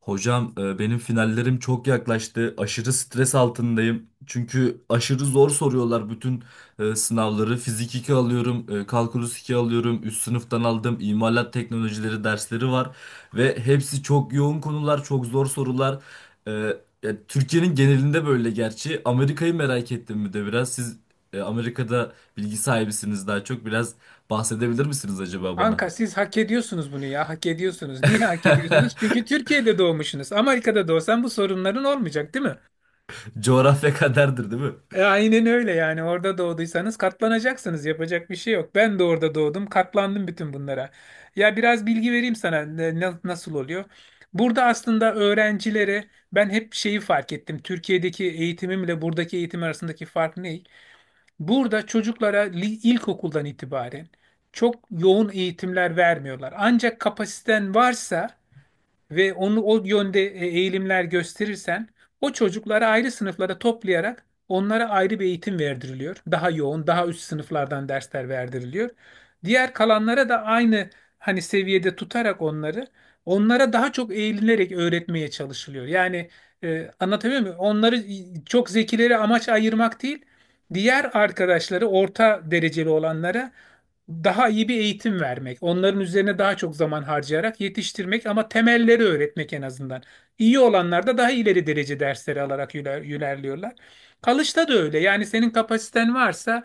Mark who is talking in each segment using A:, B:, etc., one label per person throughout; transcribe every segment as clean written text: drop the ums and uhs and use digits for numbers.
A: Hocam benim finallerim çok yaklaştı. Aşırı stres altındayım. Çünkü aşırı zor soruyorlar bütün sınavları. Fizik 2 alıyorum, kalkulus 2 alıyorum, üst sınıftan aldım. İmalat teknolojileri dersleri var ve hepsi çok yoğun konular, çok zor sorular. E, ya Türkiye'nin genelinde böyle gerçi. Amerika'yı merak ettim bir de biraz. Siz Amerika'da bilgi sahibisiniz daha çok. Biraz bahsedebilir misiniz acaba bana?
B: Kanka siz hak ediyorsunuz bunu ya. Hak ediyorsunuz. Niye hak ediyorsunuz? Çünkü Türkiye'de doğmuşsunuz. Amerika'da doğsan bu sorunların olmayacak, değil mi?
A: Coğrafya kaderdir, değil mi?
B: Aynen öyle yani. Orada doğduysanız katlanacaksınız. Yapacak bir şey yok. Ben de orada doğdum. Katlandım bütün bunlara. Ya biraz bilgi vereyim sana nasıl oluyor. Burada aslında öğrencilere ben hep şeyi fark ettim. Türkiye'deki eğitimimle buradaki eğitim arasındaki fark ne? Burada çocuklara ilkokuldan itibaren çok yoğun eğitimler vermiyorlar. Ancak kapasiten varsa ve onu o yönde eğilimler gösterirsen o çocukları ayrı sınıflara toplayarak onlara ayrı bir eğitim verdiriliyor. Daha yoğun, daha üst sınıflardan dersler verdiriliyor. Diğer kalanlara da aynı hani seviyede tutarak onları onlara daha çok eğilinerek öğretmeye çalışılıyor. Yani anlatabiliyor muyum? Onları çok zekileri amaç ayırmak değil, diğer arkadaşları orta dereceli olanlara daha iyi bir eğitim vermek, onların üzerine daha çok zaman harcayarak yetiştirmek ama temelleri öğretmek en azından. İyi olanlar da daha ileri derece dersleri alarak ilerliyorlar. Kalışta da öyle. Yani senin kapasiten varsa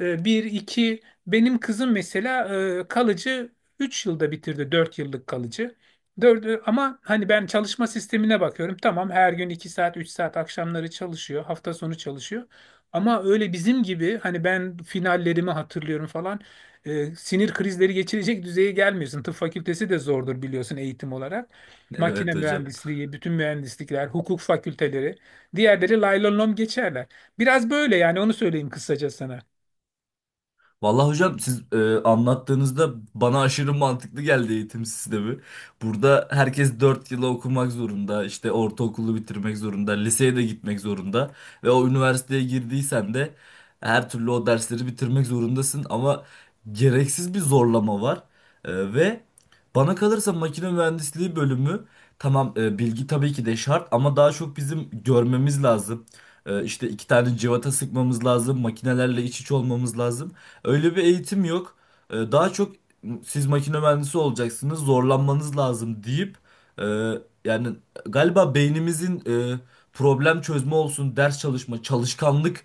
B: e, bir, iki, benim kızım mesela kalıcı 3 yılda bitirdi 4 yıllık kalıcı. Dördü, ama hani ben çalışma sistemine bakıyorum. Tamam her gün 2 saat 3 saat akşamları çalışıyor, hafta sonu çalışıyor. Ama öyle bizim gibi hani ben finallerimi hatırlıyorum falan sinir krizleri geçirecek düzeye gelmiyorsun. Tıp fakültesi de zordur biliyorsun eğitim olarak. Makine
A: Evet hocam.
B: mühendisliği, bütün mühendislikler, hukuk fakülteleri. Diğerleri lay lom lom geçerler. Biraz böyle yani onu söyleyeyim kısaca sana.
A: Vallahi hocam siz anlattığınızda bana aşırı mantıklı geldi eğitim sistemi. Burada herkes 4 yıla okumak zorunda, işte ortaokulu bitirmek zorunda, liseye de gitmek zorunda ve o üniversiteye girdiysen de her türlü o dersleri bitirmek zorundasın ama gereksiz bir zorlama var. Ve bana kalırsa makine mühendisliği bölümü tamam, bilgi tabii ki de şart ama daha çok bizim görmemiz lazım. E, işte iki tane cıvata sıkmamız lazım, makinelerle iç içe olmamız lazım. Öyle bir eğitim yok. Daha çok siz makine mühendisi olacaksınız, zorlanmanız lazım deyip e, yani galiba beynimizin e, problem çözme olsun, ders çalışma, çalışkanlık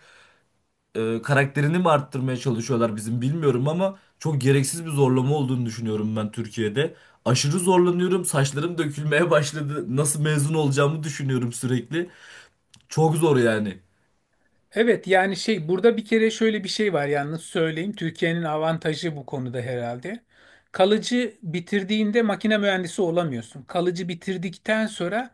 A: karakterini mi arttırmaya çalışıyorlar bizim bilmiyorum ama çok gereksiz bir zorlama olduğunu düşünüyorum ben Türkiye'de. Aşırı zorlanıyorum, saçlarım dökülmeye başladı. Nasıl mezun olacağımı düşünüyorum sürekli. Çok zor yani.
B: Evet yani şey burada bir kere şöyle bir şey var yalnız söyleyeyim. Türkiye'nin avantajı bu konuda herhalde. Kalıcı bitirdiğinde makine mühendisi olamıyorsun. Kalıcı bitirdikten sonra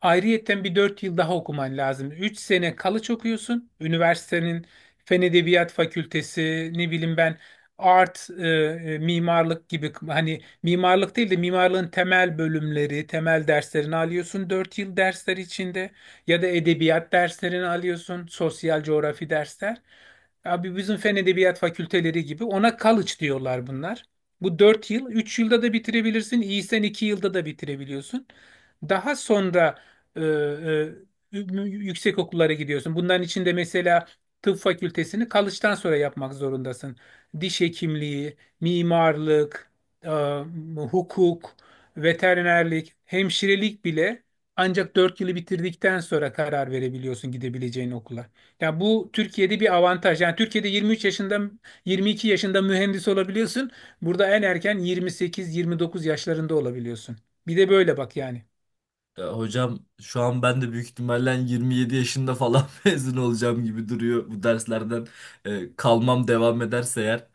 B: ayrıyetten bir 4 yıl daha okuman lazım. 3 sene kalıç okuyorsun. Üniversitenin Fen Edebiyat Fakültesi ne bileyim ben mimarlık gibi hani mimarlık değil de mimarlığın temel bölümleri, temel derslerini alıyorsun 4 yıl dersler içinde. Ya da edebiyat derslerini alıyorsun, sosyal coğrafi dersler. Abi bizim fen edebiyat fakülteleri gibi ona college diyorlar bunlar. Bu 4 yıl, 3 yılda da bitirebilirsin, iyisen 2 yılda da bitirebiliyorsun. Daha sonra yüksek okullara gidiyorsun. Bunların içinde mesela tıp fakültesini college'dan sonra yapmak zorundasın. Diş hekimliği, mimarlık, e, hukuk, veterinerlik, hemşirelik bile ancak 4 yılı bitirdikten sonra karar verebiliyorsun gidebileceğin okula. Ya bu Türkiye'de bir avantaj. Yani Türkiye'de 23 yaşında, 22 yaşında mühendis olabiliyorsun. Burada en erken 28-29 yaşlarında olabiliyorsun. Bir de böyle bak yani.
A: Ya hocam şu an ben de büyük ihtimalle 27 yaşında falan mezun olacağım gibi duruyor bu derslerden kalmam devam ederse eğer.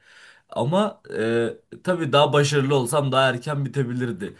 A: Ama tabii daha başarılı olsam daha erken bitebilirdi.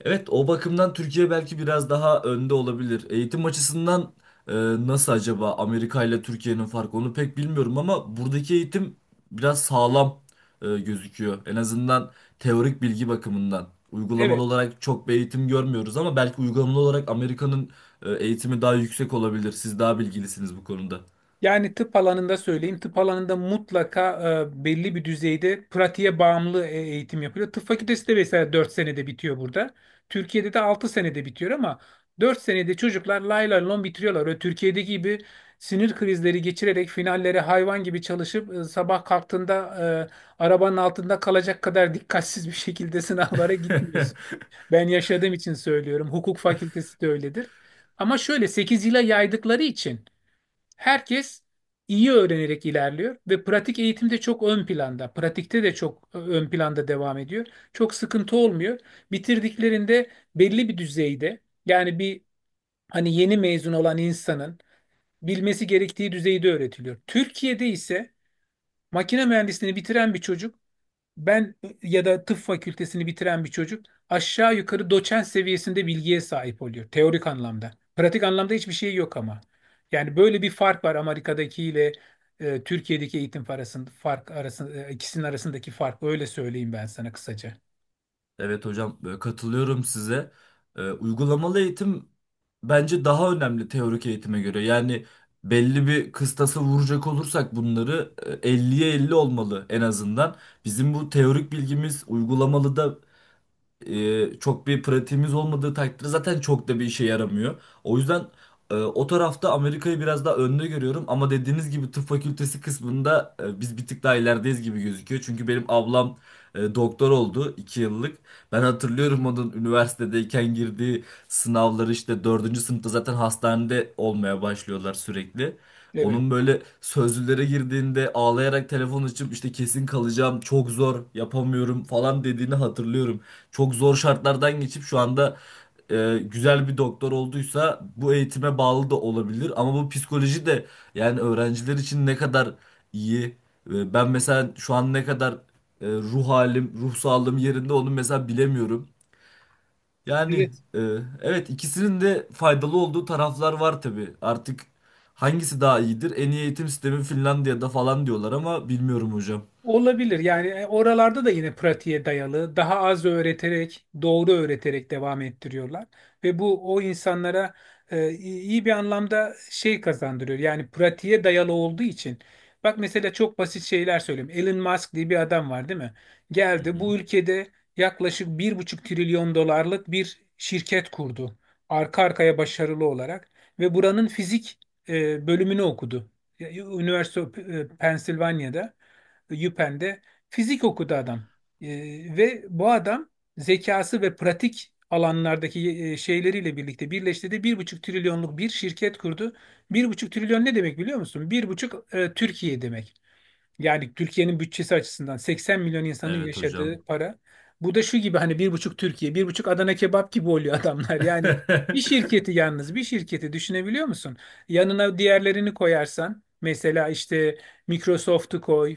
A: Evet, o bakımdan Türkiye belki biraz daha önde olabilir. Eğitim açısından e, nasıl acaba Amerika ile Türkiye'nin farkı onu pek bilmiyorum ama buradaki eğitim biraz sağlam gözüküyor. En azından teorik bilgi bakımından. Uygulamalı
B: Evet.
A: olarak çok bir eğitim görmüyoruz ama belki uygulamalı olarak Amerika'nın eğitimi daha yüksek olabilir. Siz daha bilgilisiniz bu konuda.
B: Yani tıp alanında söyleyeyim. Tıp alanında mutlaka belli bir düzeyde pratiğe bağımlı eğitim yapılıyor. Tıp fakültesi de mesela 4 senede bitiyor burada. Türkiye'de de 6 senede bitiyor ama 4 senede çocuklar lay lay lon bitiriyorlar. Öyle Türkiye'deki gibi sinir krizleri geçirerek finallere hayvan gibi çalışıp sabah kalktığında arabanın altında kalacak kadar dikkatsiz bir şekilde sınavlara gitmiyorsun. Ben yaşadığım için söylüyorum. Hukuk fakültesi de öyledir. Ama şöyle 8 yıla yaydıkları için herkes iyi öğrenerek ilerliyor ve pratik eğitimde çok ön planda, pratikte de çok ön planda devam ediyor. Çok sıkıntı olmuyor. Bitirdiklerinde belli bir düzeyde yani bir hani yeni mezun olan insanın bilmesi gerektiği düzeyde öğretiliyor. Türkiye'de ise makine mühendisliğini bitiren bir çocuk ben ya da tıp fakültesini bitiren bir çocuk aşağı yukarı doçent seviyesinde bilgiye sahip oluyor teorik anlamda. Pratik anlamda hiçbir şey yok ama. Yani böyle bir fark var Amerika'daki ile Türkiye'deki eğitim arasında fark arasında ikisinin arasındaki fark öyle söyleyeyim ben sana kısaca.
A: Evet hocam, katılıyorum size. Uygulamalı eğitim bence daha önemli teorik eğitime göre. Yani belli bir kıstası vuracak olursak bunları 50'ye 50 olmalı en azından. Bizim bu teorik bilgimiz uygulamalı da çok bir pratiğimiz olmadığı takdirde zaten çok da bir işe yaramıyor. O yüzden o tarafta Amerika'yı biraz daha önde görüyorum ama dediğiniz gibi tıp fakültesi kısmında biz bir tık daha ilerideyiz gibi gözüküyor. Çünkü benim ablam doktor oldu 2 yıllık. Ben hatırlıyorum onun üniversitedeyken girdiği sınavları, işte dördüncü sınıfta zaten hastanede olmaya başlıyorlar sürekli.
B: Evet.
A: Onun böyle sözlülere girdiğinde ağlayarak telefon açıp işte kesin kalacağım, çok zor, yapamıyorum falan dediğini hatırlıyorum. Çok zor şartlardan geçip şu anda güzel bir doktor olduysa bu eğitime bağlı da olabilir. Ama bu psikoloji de yani öğrenciler için ne kadar iyi. Ben mesela şu an ne kadar, ruh halim, ruh sağlığım yerinde onu mesela bilemiyorum. Yani,
B: Evet.
A: e, evet, ikisinin de faydalı olduğu taraflar var tabii. Artık hangisi daha iyidir? En iyi eğitim sistemi Finlandiya'da falan diyorlar ama bilmiyorum hocam.
B: Olabilir. Yani oralarda da yine pratiğe dayalı, daha az öğreterek, doğru öğreterek devam ettiriyorlar ve bu o insanlara iyi iyi bir anlamda şey kazandırıyor. Yani pratiğe dayalı olduğu için. Bak mesela çok basit şeyler söyleyeyim. Elon Musk diye bir adam var, değil mi?
A: Hı
B: Geldi
A: hı.
B: bu ülkede yaklaşık 1,5 trilyon dolarlık bir şirket kurdu. Arka arkaya başarılı olarak ve buranın fizik bölümünü okudu. Üniversite Pensilvanya'da. Yüpen'de fizik okudu adam. E, ve bu adam zekası ve pratik alanlardaki şeyleriyle birlikte birleştirdi. 1,5 trilyonluk bir şirket kurdu. 1,5 trilyon ne demek biliyor musun? Bir buçuk Türkiye demek. Yani Türkiye'nin bütçesi açısından 80 milyon insanın
A: Evet hocam.
B: yaşadığı para. Bu da şu gibi hani bir buçuk Türkiye, bir buçuk Adana kebap gibi oluyor adamlar. Yani bir şirketi yalnız bir şirketi düşünebiliyor musun? Yanına diğerlerini koyarsan mesela işte Microsoft'u koy,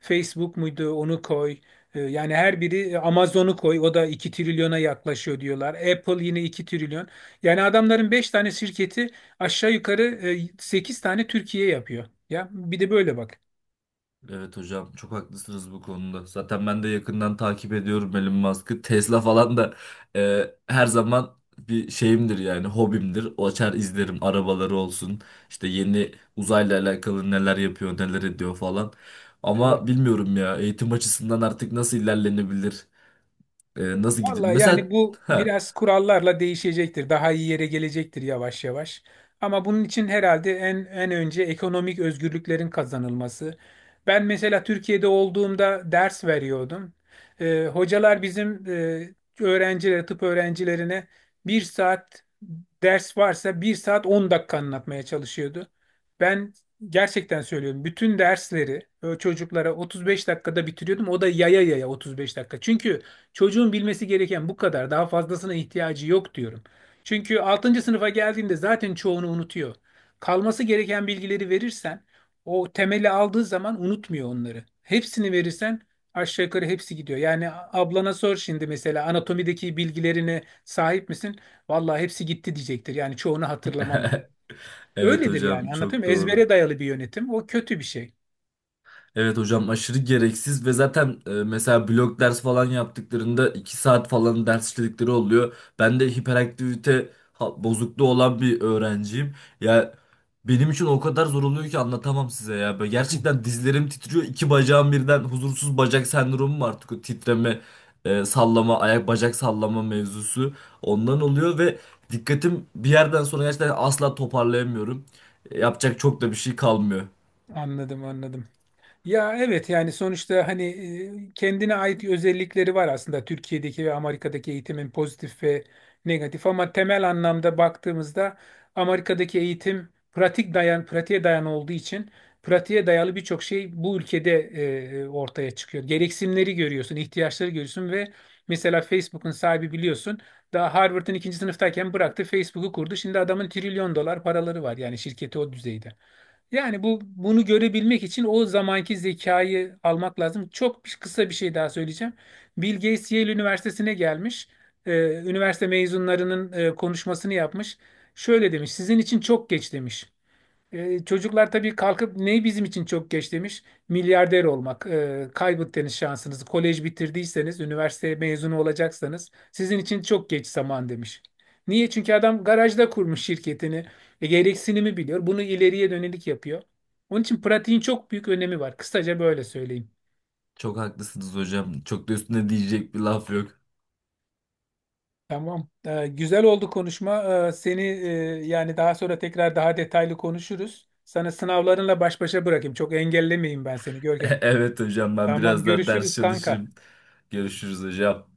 B: Facebook muydu onu koy. Yani her biri Amazon'u koy o da 2 trilyona yaklaşıyor diyorlar. Apple yine 2 trilyon. Yani adamların 5 tane şirketi aşağı yukarı 8 tane Türkiye yapıyor. Ya bir de böyle bak.
A: Evet hocam, çok haklısınız bu konuda. Zaten ben de yakından takip ediyorum Elon Musk'ı. Tesla falan da her zaman bir şeyimdir yani hobimdir. O açar izlerim, arabaları olsun. İşte yeni uzayla alakalı neler yapıyor neler ediyor falan. Ama
B: Evet.
A: bilmiyorum ya, eğitim açısından artık nasıl ilerlenebilir? Nasıl gidin?
B: Vallahi yani
A: Mesela
B: bu
A: ha,
B: biraz kurallarla değişecektir. Daha iyi yere gelecektir yavaş yavaş. Ama bunun için herhalde en önce ekonomik özgürlüklerin kazanılması. Ben mesela Türkiye'de olduğumda ders veriyordum. Hocalar bizim öğrencilere, tıp öğrencilerine 1 saat ders varsa 1 saat 10 dakika anlatmaya çalışıyordu. Ben gerçekten söylüyorum. Bütün dersleri çocuklara 35 dakikada bitiriyordum. O da yaya yaya 35 dakika. Çünkü çocuğun bilmesi gereken bu kadar. Daha fazlasına ihtiyacı yok diyorum. Çünkü altıncı sınıfa geldiğinde zaten çoğunu unutuyor. Kalması gereken bilgileri verirsen o temeli aldığı zaman unutmuyor onları. Hepsini verirsen aşağı yukarı hepsi gidiyor. Yani ablana sor şimdi mesela anatomideki bilgilerine sahip misin? Vallahi hepsi gitti diyecektir. Yani çoğunu hatırlamam.
A: evet
B: Öyledir
A: hocam,
B: yani anlatayım
A: çok
B: mı? Ezbere
A: doğru.
B: dayalı bir yönetim. O kötü bir şey.
A: Evet hocam, aşırı gereksiz ve zaten mesela blok ders falan yaptıklarında 2 saat falan ders işledikleri oluyor. Ben de hiperaktivite bozukluğu olan bir öğrenciyim. Ya benim için o kadar zor oluyor ki anlatamam size ya. Böyle gerçekten dizlerim titriyor. İki bacağım birden huzursuz bacak sendromu var, artık o titreme, sallama, ayak bacak sallama mevzusu. Ondan oluyor ve dikkatim bir yerden sonra gerçekten asla toparlayamıyorum. Yapacak çok da bir şey kalmıyor.
B: Anladım anladım. Ya evet yani sonuçta hani kendine ait özellikleri var aslında Türkiye'deki ve Amerika'daki eğitimin pozitif ve negatif ama temel anlamda baktığımızda Amerika'daki eğitim pratik dayan pratiğe dayan olduğu için pratiğe dayalı birçok şey bu ülkede ortaya çıkıyor. Gereksinimleri görüyorsun, ihtiyaçları görüyorsun ve mesela Facebook'un sahibi biliyorsun daha Harvard'ın ikinci sınıftayken bıraktı Facebook'u kurdu. Şimdi adamın trilyon dolar paraları var yani şirketi o düzeyde. Yani bu bunu görebilmek için o zamanki zekayı almak lazım. Çok kısa bir şey daha söyleyeceğim. Bill Gates Yale Üniversitesi'ne gelmiş. Ee, üniversite mezunlarının konuşmasını yapmış. Şöyle demiş, sizin için çok geç demiş. Çocuklar tabii kalkıp ne bizim için çok geç demiş? Milyarder olmak. Kaybettiniz şansınızı. Kolej bitirdiyseniz, üniversite mezunu olacaksanız sizin için çok geç zaman demiş. Niye? Çünkü adam garajda kurmuş şirketini. Gereksinimi biliyor. Bunu ileriye dönelik yapıyor. Onun için pratiğin çok büyük önemi var. Kısaca böyle söyleyeyim.
A: Çok haklısınız hocam. Çok da üstüne diyecek bir laf yok.
B: Tamam. Güzel oldu konuşma. Seni yani daha sonra tekrar daha detaylı konuşuruz. Sana sınavlarınla baş başa bırakayım. Çok engellemeyeyim ben seni Görkem.
A: Evet hocam, ben
B: Tamam
A: biraz daha ders
B: görüşürüz kanka.
A: çalışayım. Görüşürüz hocam.